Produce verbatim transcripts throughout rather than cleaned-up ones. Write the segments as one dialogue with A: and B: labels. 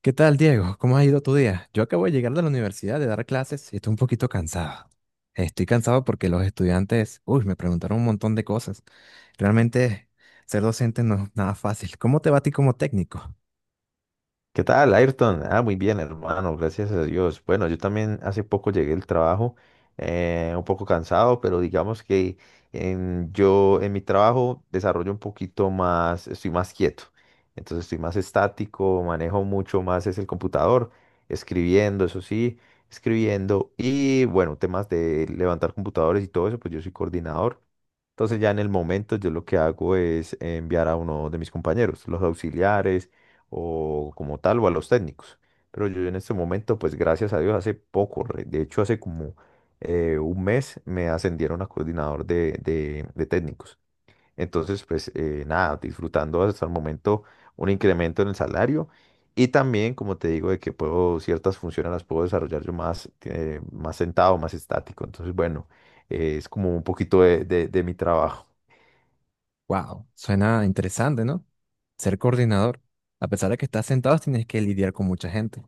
A: ¿Qué tal, Diego? ¿Cómo ha ido tu día? Yo acabo de llegar de la universidad de dar clases y estoy un poquito cansado. Estoy cansado porque los estudiantes, uy, me preguntaron un montón de cosas. Realmente ser docente no es nada fácil. ¿Cómo te va a ti como técnico?
B: ¿Qué tal, Ayrton? Ah, muy bien, hermano, gracias a Dios. Bueno, yo también hace poco llegué del trabajo, eh, un poco cansado, pero digamos que en- yo en mi trabajo desarrollo un poquito más, estoy más quieto, entonces estoy más estático, manejo mucho más es el computador, escribiendo, eso sí, escribiendo y bueno, temas de levantar computadores y todo eso, pues yo soy coordinador. Entonces ya en el momento yo lo que hago es enviar a uno de mis compañeros, los auxiliares o como tal o a los técnicos. Pero yo en este momento, pues gracias a Dios, hace poco, re- de hecho hace como eh, un mes me ascendieron a coordinador de, de- de técnicos. Entonces, pues eh, nada, disfrutando hasta el momento un incremento en el salario y también, como te digo, de que puedo, ciertas funciones las puedo desarrollar yo más, eh, más sentado, más estático. Entonces, bueno, eh, es como un poquito de de- de mi trabajo.
A: Wow, suena interesante, ¿no? Ser coordinador. A pesar de que estás sentado, tienes que lidiar con mucha gente.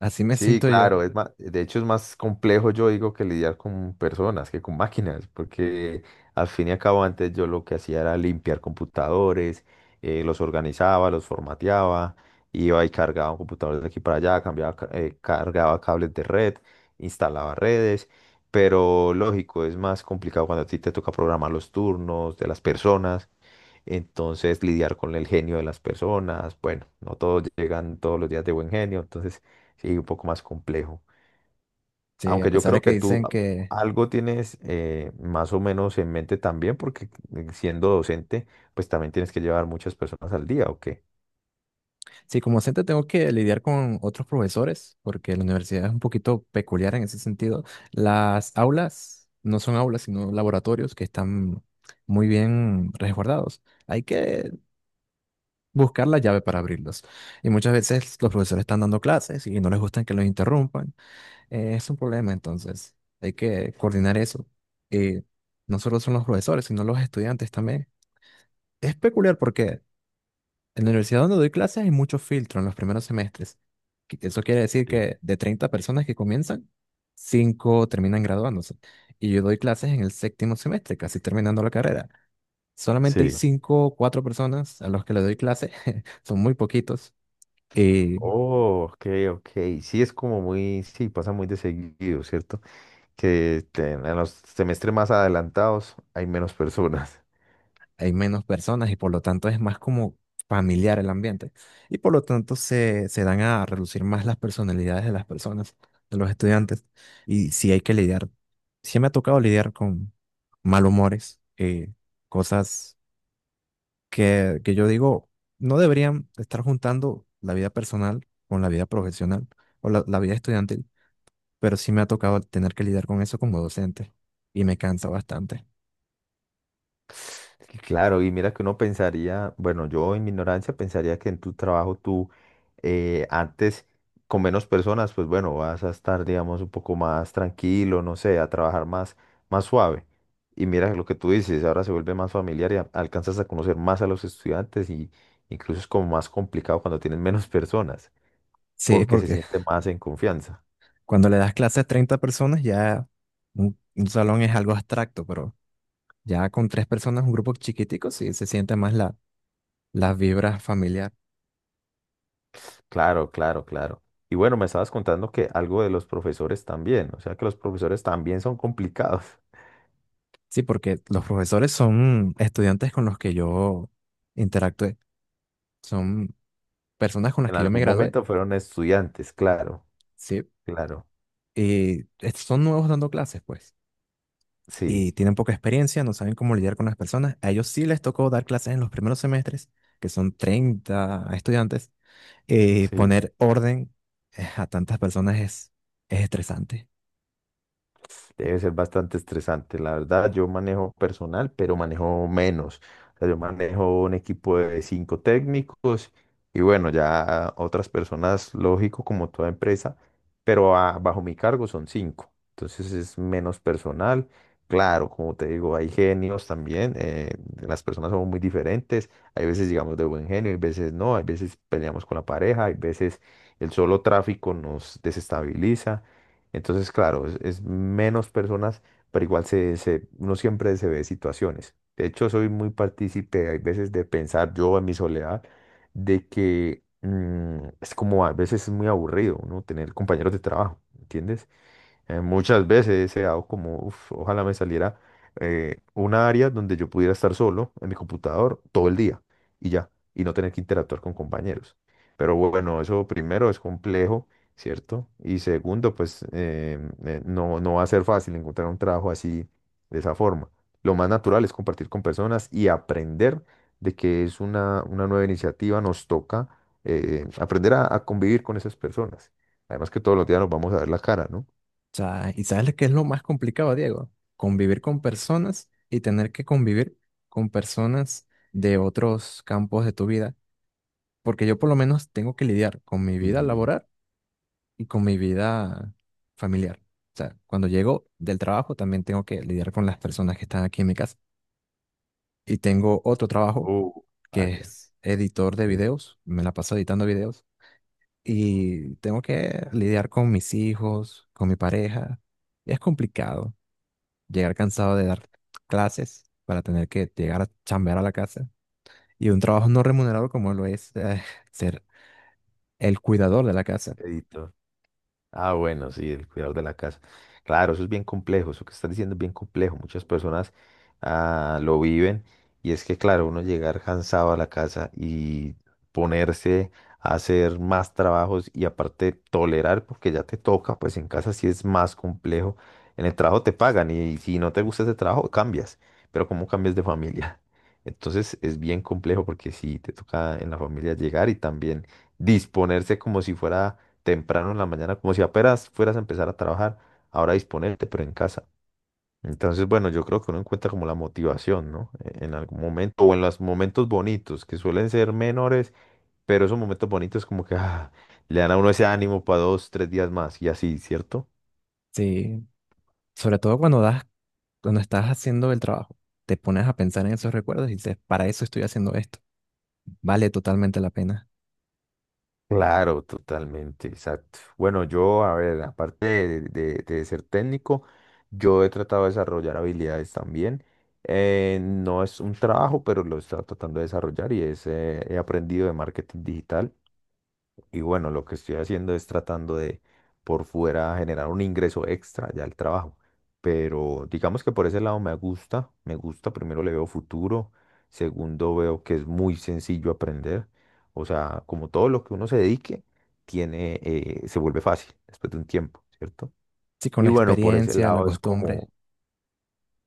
A: Así me
B: Sí,
A: siento yo.
B: claro, es más, de hecho es más complejo yo digo que lidiar con personas que con máquinas, porque al fin y al cabo antes yo lo que hacía era limpiar computadores, eh, los organizaba, los formateaba, iba y cargaba computadores de aquí para allá, cambiaba, ca- eh, cargaba cables de red, instalaba redes, pero lógico, es más complicado cuando a ti te toca programar los turnos de las personas. Entonces, lidiar con el genio de las personas, bueno, no todos llegan todos los días de buen genio, entonces sí, un poco más complejo.
A: Sí, a
B: Aunque yo
A: pesar de
B: creo
A: que
B: que tú
A: dicen
B: a-
A: que
B: algo tienes eh, más o menos en mente también, porque eh, siendo docente, pues también tienes que llevar muchas personas al día, ¿o qué?
A: sí, como docente tengo que lidiar con otros profesores, porque la universidad es un poquito peculiar en ese sentido. Las aulas no son aulas, sino laboratorios que están muy bien resguardados. Hay que buscar la llave para abrirlos. Y muchas veces los profesores están dando clases y no les gustan que los interrumpan. Eh, es un problema, entonces hay que coordinar eso. Y no solo son los profesores, sino los estudiantes también. Es peculiar porque en la universidad donde doy clases hay mucho filtro en los primeros semestres. que- Eso quiere decir
B: Sí.
A: que de treinta personas que comienzan, cinco terminan graduándose. Y yo doy clases en el séptimo semestre, casi terminando la carrera. Solamente hay
B: Sí,
A: cinco, o cuatro personas a los que le doy clases, son muy poquitos.
B: oh, ok, ok. Sí, es como muy, sí, pasa muy de seguido, ¿cierto? Que te- en los semestres más adelantados hay menos personas.
A: Hay menos personas y por lo tanto es más como familiar el ambiente. Y por lo tanto se, se dan a relucir más las personalidades de las personas, de los estudiantes. Y si hay que lidiar. Sí me ha tocado lidiar con malhumores, eh, cosas que, que yo digo no deberían estar juntando la vida personal con la vida profesional o la, la vida estudiantil, pero sí me ha tocado tener que lidiar con eso como docente y me cansa bastante.
B: Claro, y mira que uno pensaría, bueno, yo en mi ignorancia pensaría que en tu trabajo tú eh, antes con menos personas, pues bueno, vas a estar, digamos, un poco más tranquilo, no sé, a trabajar más, más suave. Y mira lo que tú dices, ahora se vuelve más familiar y a- alcanzas a conocer más a los estudiantes y incluso es como más complicado cuando tienes menos personas,
A: Sí,
B: porque se
A: porque
B: siente más en confianza.
A: cuando le das clases a treinta personas, ya un, un salón es algo abstracto, pero ya con tres personas, un grupo chiquitico, sí se siente más la, las vibras familiar.
B: Claro, claro, claro. Y bueno, me estabas contando que algo de los profesores también, o sea que los profesores también son complicados.
A: Sí, porque los profesores son estudiantes con los que yo interactué, son personas con las
B: En
A: que yo me
B: algún
A: gradué,
B: momento fueron estudiantes, claro,
A: sí,
B: claro,
A: y est- son nuevos dando clases, pues,
B: sí,
A: y tienen poca experiencia, no saben cómo lidiar con las personas. A ellos sí les tocó dar clases en los primeros semestres, que son treinta estudiantes, eh,
B: sí.
A: poner orden eh, a tantas personas es, es estresante.
B: Debe ser bastante estresante, la verdad. Yo manejo personal, pero manejo menos. O sea, yo manejo un equipo de cinco técnicos y bueno, ya otras personas, lógico, como toda empresa, pero ah, bajo mi cargo son cinco. Entonces es menos personal. Claro, como te digo, hay genios también. Eh, las personas son muy diferentes. Hay veces digamos, de buen genio, hay veces no. Hay veces peleamos con la pareja, hay veces el solo tráfico nos desestabiliza. Entonces, claro, es, es menos personas, pero igual se, se- uno siempre se ve situaciones. De hecho, soy muy partícipe, hay veces de pensar yo en mi soledad, de que mm, es como a veces es muy aburrido, ¿no? Tener compañeros de trabajo, ¿entiendes? Eh, muchas veces he deseado como, "Uf, ojalá me saliera eh, una área donde yo pudiera estar solo en mi computador todo el día y ya, y no tener que interactuar con compañeros. Pero bueno, eso primero es complejo, ¿cierto? Y segundo, pues eh, eh, no, no va a ser fácil encontrar un trabajo así, de esa forma. Lo más natural es compartir con personas y aprender de que es una, una nueva iniciativa, nos toca eh, aprender a, a convivir con esas personas. Además que todos los días nos vamos a ver la cara, ¿no?
A: O sea, ¿y sabes lo que es lo más complicado, Diego? Convivir con personas y tener que convivir con personas de otros campos de tu vida. Porque yo por lo menos tengo que lidiar con mi vida
B: Y,
A: laboral y con mi vida familiar. O sea, cuando llego del trabajo también tengo que lidiar con las personas que están aquí en mi casa. Y tengo otro trabajo
B: oh,
A: que
B: vaya,
A: es editor de
B: sí,
A: videos. Me la paso editando videos y tengo que lidiar con mis hijos, con mi pareja. Y es complicado llegar cansado de dar clases para tener que llegar a chambear a la casa y un trabajo no remunerado como lo es, eh, ser el cuidador de la casa.
B: editó. Ah, bueno, sí, el cuidador de la casa. Claro, eso es bien complejo, eso que estás diciendo es bien complejo. Muchas personas ah, lo viven y es que, claro, uno llegar cansado a la casa y ponerse a hacer más trabajos y aparte tolerar porque ya te toca, pues en casa sí es más complejo. En el trabajo te pagan y si no te gusta ese trabajo, cambias, pero ¿cómo cambias de familia? Entonces es bien complejo porque sí, te toca en la familia llegar y también disponerse como si fuera temprano en la mañana, como si apenas fueras a empezar a trabajar, ahora disponerte, pero en casa. Entonces, bueno, yo creo que uno encuentra como la motivación, ¿no? E- En algún momento, o en los momentos bonitos, que suelen ser menores, pero esos momentos bonitos como que ah, le dan a uno ese ánimo para dos, tres días más, y así, ¿cierto?
A: Sí, sobre todo cuando das, cuando estás haciendo el trabajo, te pones a pensar en esos recuerdos y dices, para eso estoy haciendo esto. Vale totalmente la pena.
B: Claro, totalmente, exacto. Bueno, yo, a ver, aparte de, de- de ser técnico, yo he tratado de desarrollar habilidades también. Eh, no es un trabajo, pero lo estoy tratando de desarrollar y es, eh, he aprendido de marketing digital. Y bueno, lo que estoy haciendo es tratando de por fuera generar un ingreso extra ya al trabajo. Pero digamos que por ese lado me gusta, me gusta, primero le veo futuro, segundo veo que es muy sencillo aprender. O sea, como todo lo que uno se dedique, tiene, eh, se vuelve fácil después de un tiempo, ¿cierto?
A: Sí, con
B: Y
A: la
B: bueno, por ese
A: experiencia, la
B: lado es
A: costumbre.
B: como,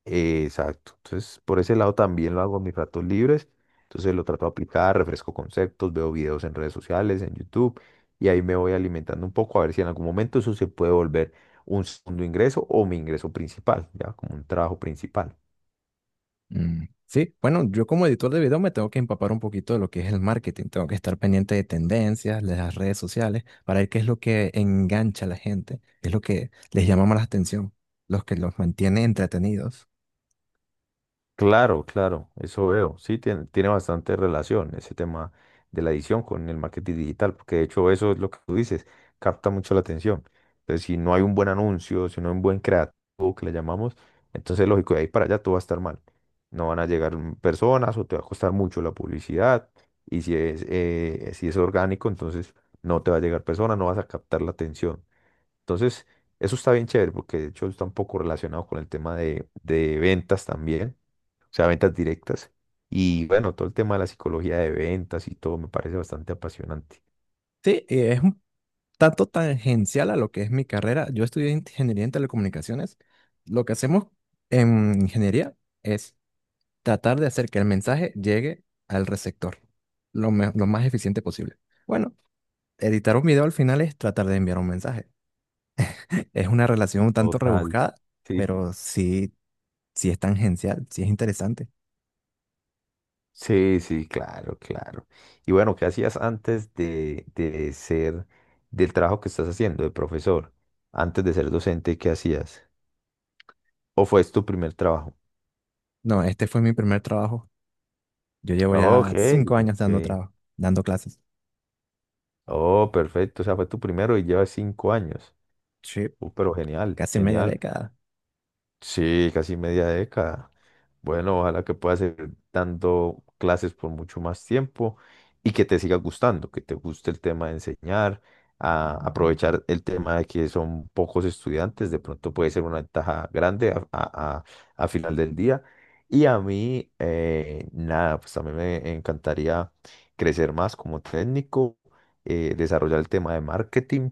B: eh, exacto. Entonces, por ese lado también lo hago en mis ratos libres. Entonces lo trato de aplicar, refresco conceptos, veo videos en redes sociales, en YouTube, y ahí me voy alimentando un poco a ver si en algún momento eso se puede volver un segundo ingreso o mi ingreso principal, ya como un trabajo principal.
A: Mm. Sí, bueno, yo como editor de video me tengo que empapar un poquito de lo que es el marketing, tengo que estar pendiente de tendencias, de las redes sociales, para ver qué es lo que engancha a la gente, qué es lo que les llama más la atención, los que los mantiene entretenidos.
B: Claro, claro, eso veo. Sí, tiene, tiene bastante relación ese tema de la edición con el marketing digital, porque de hecho eso es lo que tú dices, capta mucho la atención. Entonces, si no hay un buen anuncio, si no hay un buen creativo que le llamamos, entonces lógico, de ahí para allá todo va a estar mal. No van a llegar mm, personas o te va a costar mucho la publicidad. Y si es, eh, si es orgánico, entonces no te va a llegar personas, no vas a captar la atención. Entonces, eso está bien chévere, porque de hecho está un poco relacionado con el tema de de ventas también, o sea, ventas directas. Y bueno, todo el tema de la psicología de ventas y todo me parece bastante apasionante.
A: Sí, y es un tanto tangencial a lo que es mi carrera. Yo estudié ingeniería en telecomunicaciones. Lo que hacemos en ingeniería es tratar de hacer que el mensaje llegue al receptor lo, me- lo más eficiente posible. Bueno, editar un video al final es tratar de enviar un mensaje. Es una relación un tanto
B: Total.
A: rebuscada,
B: Sí.
A: pero sí, sí es tangencial, sí es interesante.
B: Sí, sí, claro, claro. Y bueno, ¿qué hacías antes de, de- ser del trabajo que estás haciendo, de profesor? Antes de ser docente, ¿qué hacías? ¿O fue tu primer trabajo?
A: No, este fue mi primer trabajo. Yo llevo
B: Ok,
A: ya cinco años
B: ok.
A: dando trabajo, dando clases.
B: Oh, perfecto. O sea, fue tu primero y llevas cinco años.
A: Sí,
B: Uh, pero genial,
A: casi media
B: genial.
A: década.
B: Sí, casi media década. Bueno, ojalá que puedas seguir dando clases por mucho más tiempo y que te siga gustando, que te guste el tema de enseñar, a aprovechar el tema de que son pocos estudiantes, de pronto puede ser una ventaja grande a, a- a- a final del día. Y a mí, eh, nada, pues también me encantaría crecer más como técnico, eh, desarrollar el tema de marketing,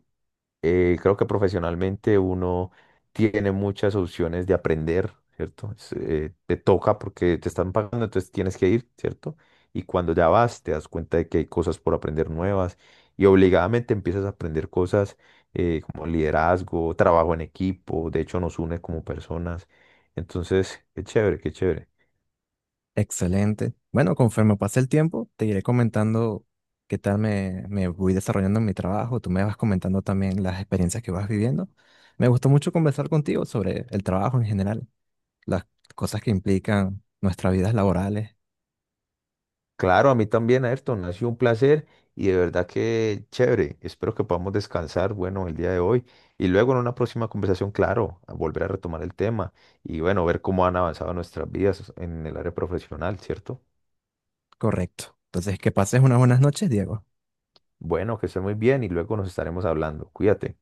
B: eh, creo que profesionalmente uno tiene muchas opciones de aprender, ¿cierto? Es, eh, te toca porque te están pagando, entonces tienes que ir, ¿cierto? Y cuando ya vas, te das cuenta de que hay cosas por aprender nuevas y obligadamente empiezas a aprender cosas eh, como liderazgo, trabajo en equipo, de hecho nos une como personas. Entonces, qué chévere, qué chévere.
A: Excelente. Bueno, conforme pase el tiempo, te iré comentando qué tal me, me voy desarrollando en mi trabajo. Tú me vas comentando también las experiencias que vas viviendo. Me gustó mucho conversar contigo sobre el trabajo en general, las cosas que implican nuestras vidas laborales.
B: Claro, a mí también, Ayrton, ha sido un placer y de verdad que chévere. Espero que podamos descansar, bueno, el día de hoy y luego en una próxima conversación, claro, a volver a retomar el tema y bueno, ver cómo han avanzado nuestras vidas en el área profesional, ¿cierto?
A: Correcto. Entonces, que pases unas buenas noches, Diego.
B: Bueno, que esté muy bien y luego nos estaremos hablando. Cuídate.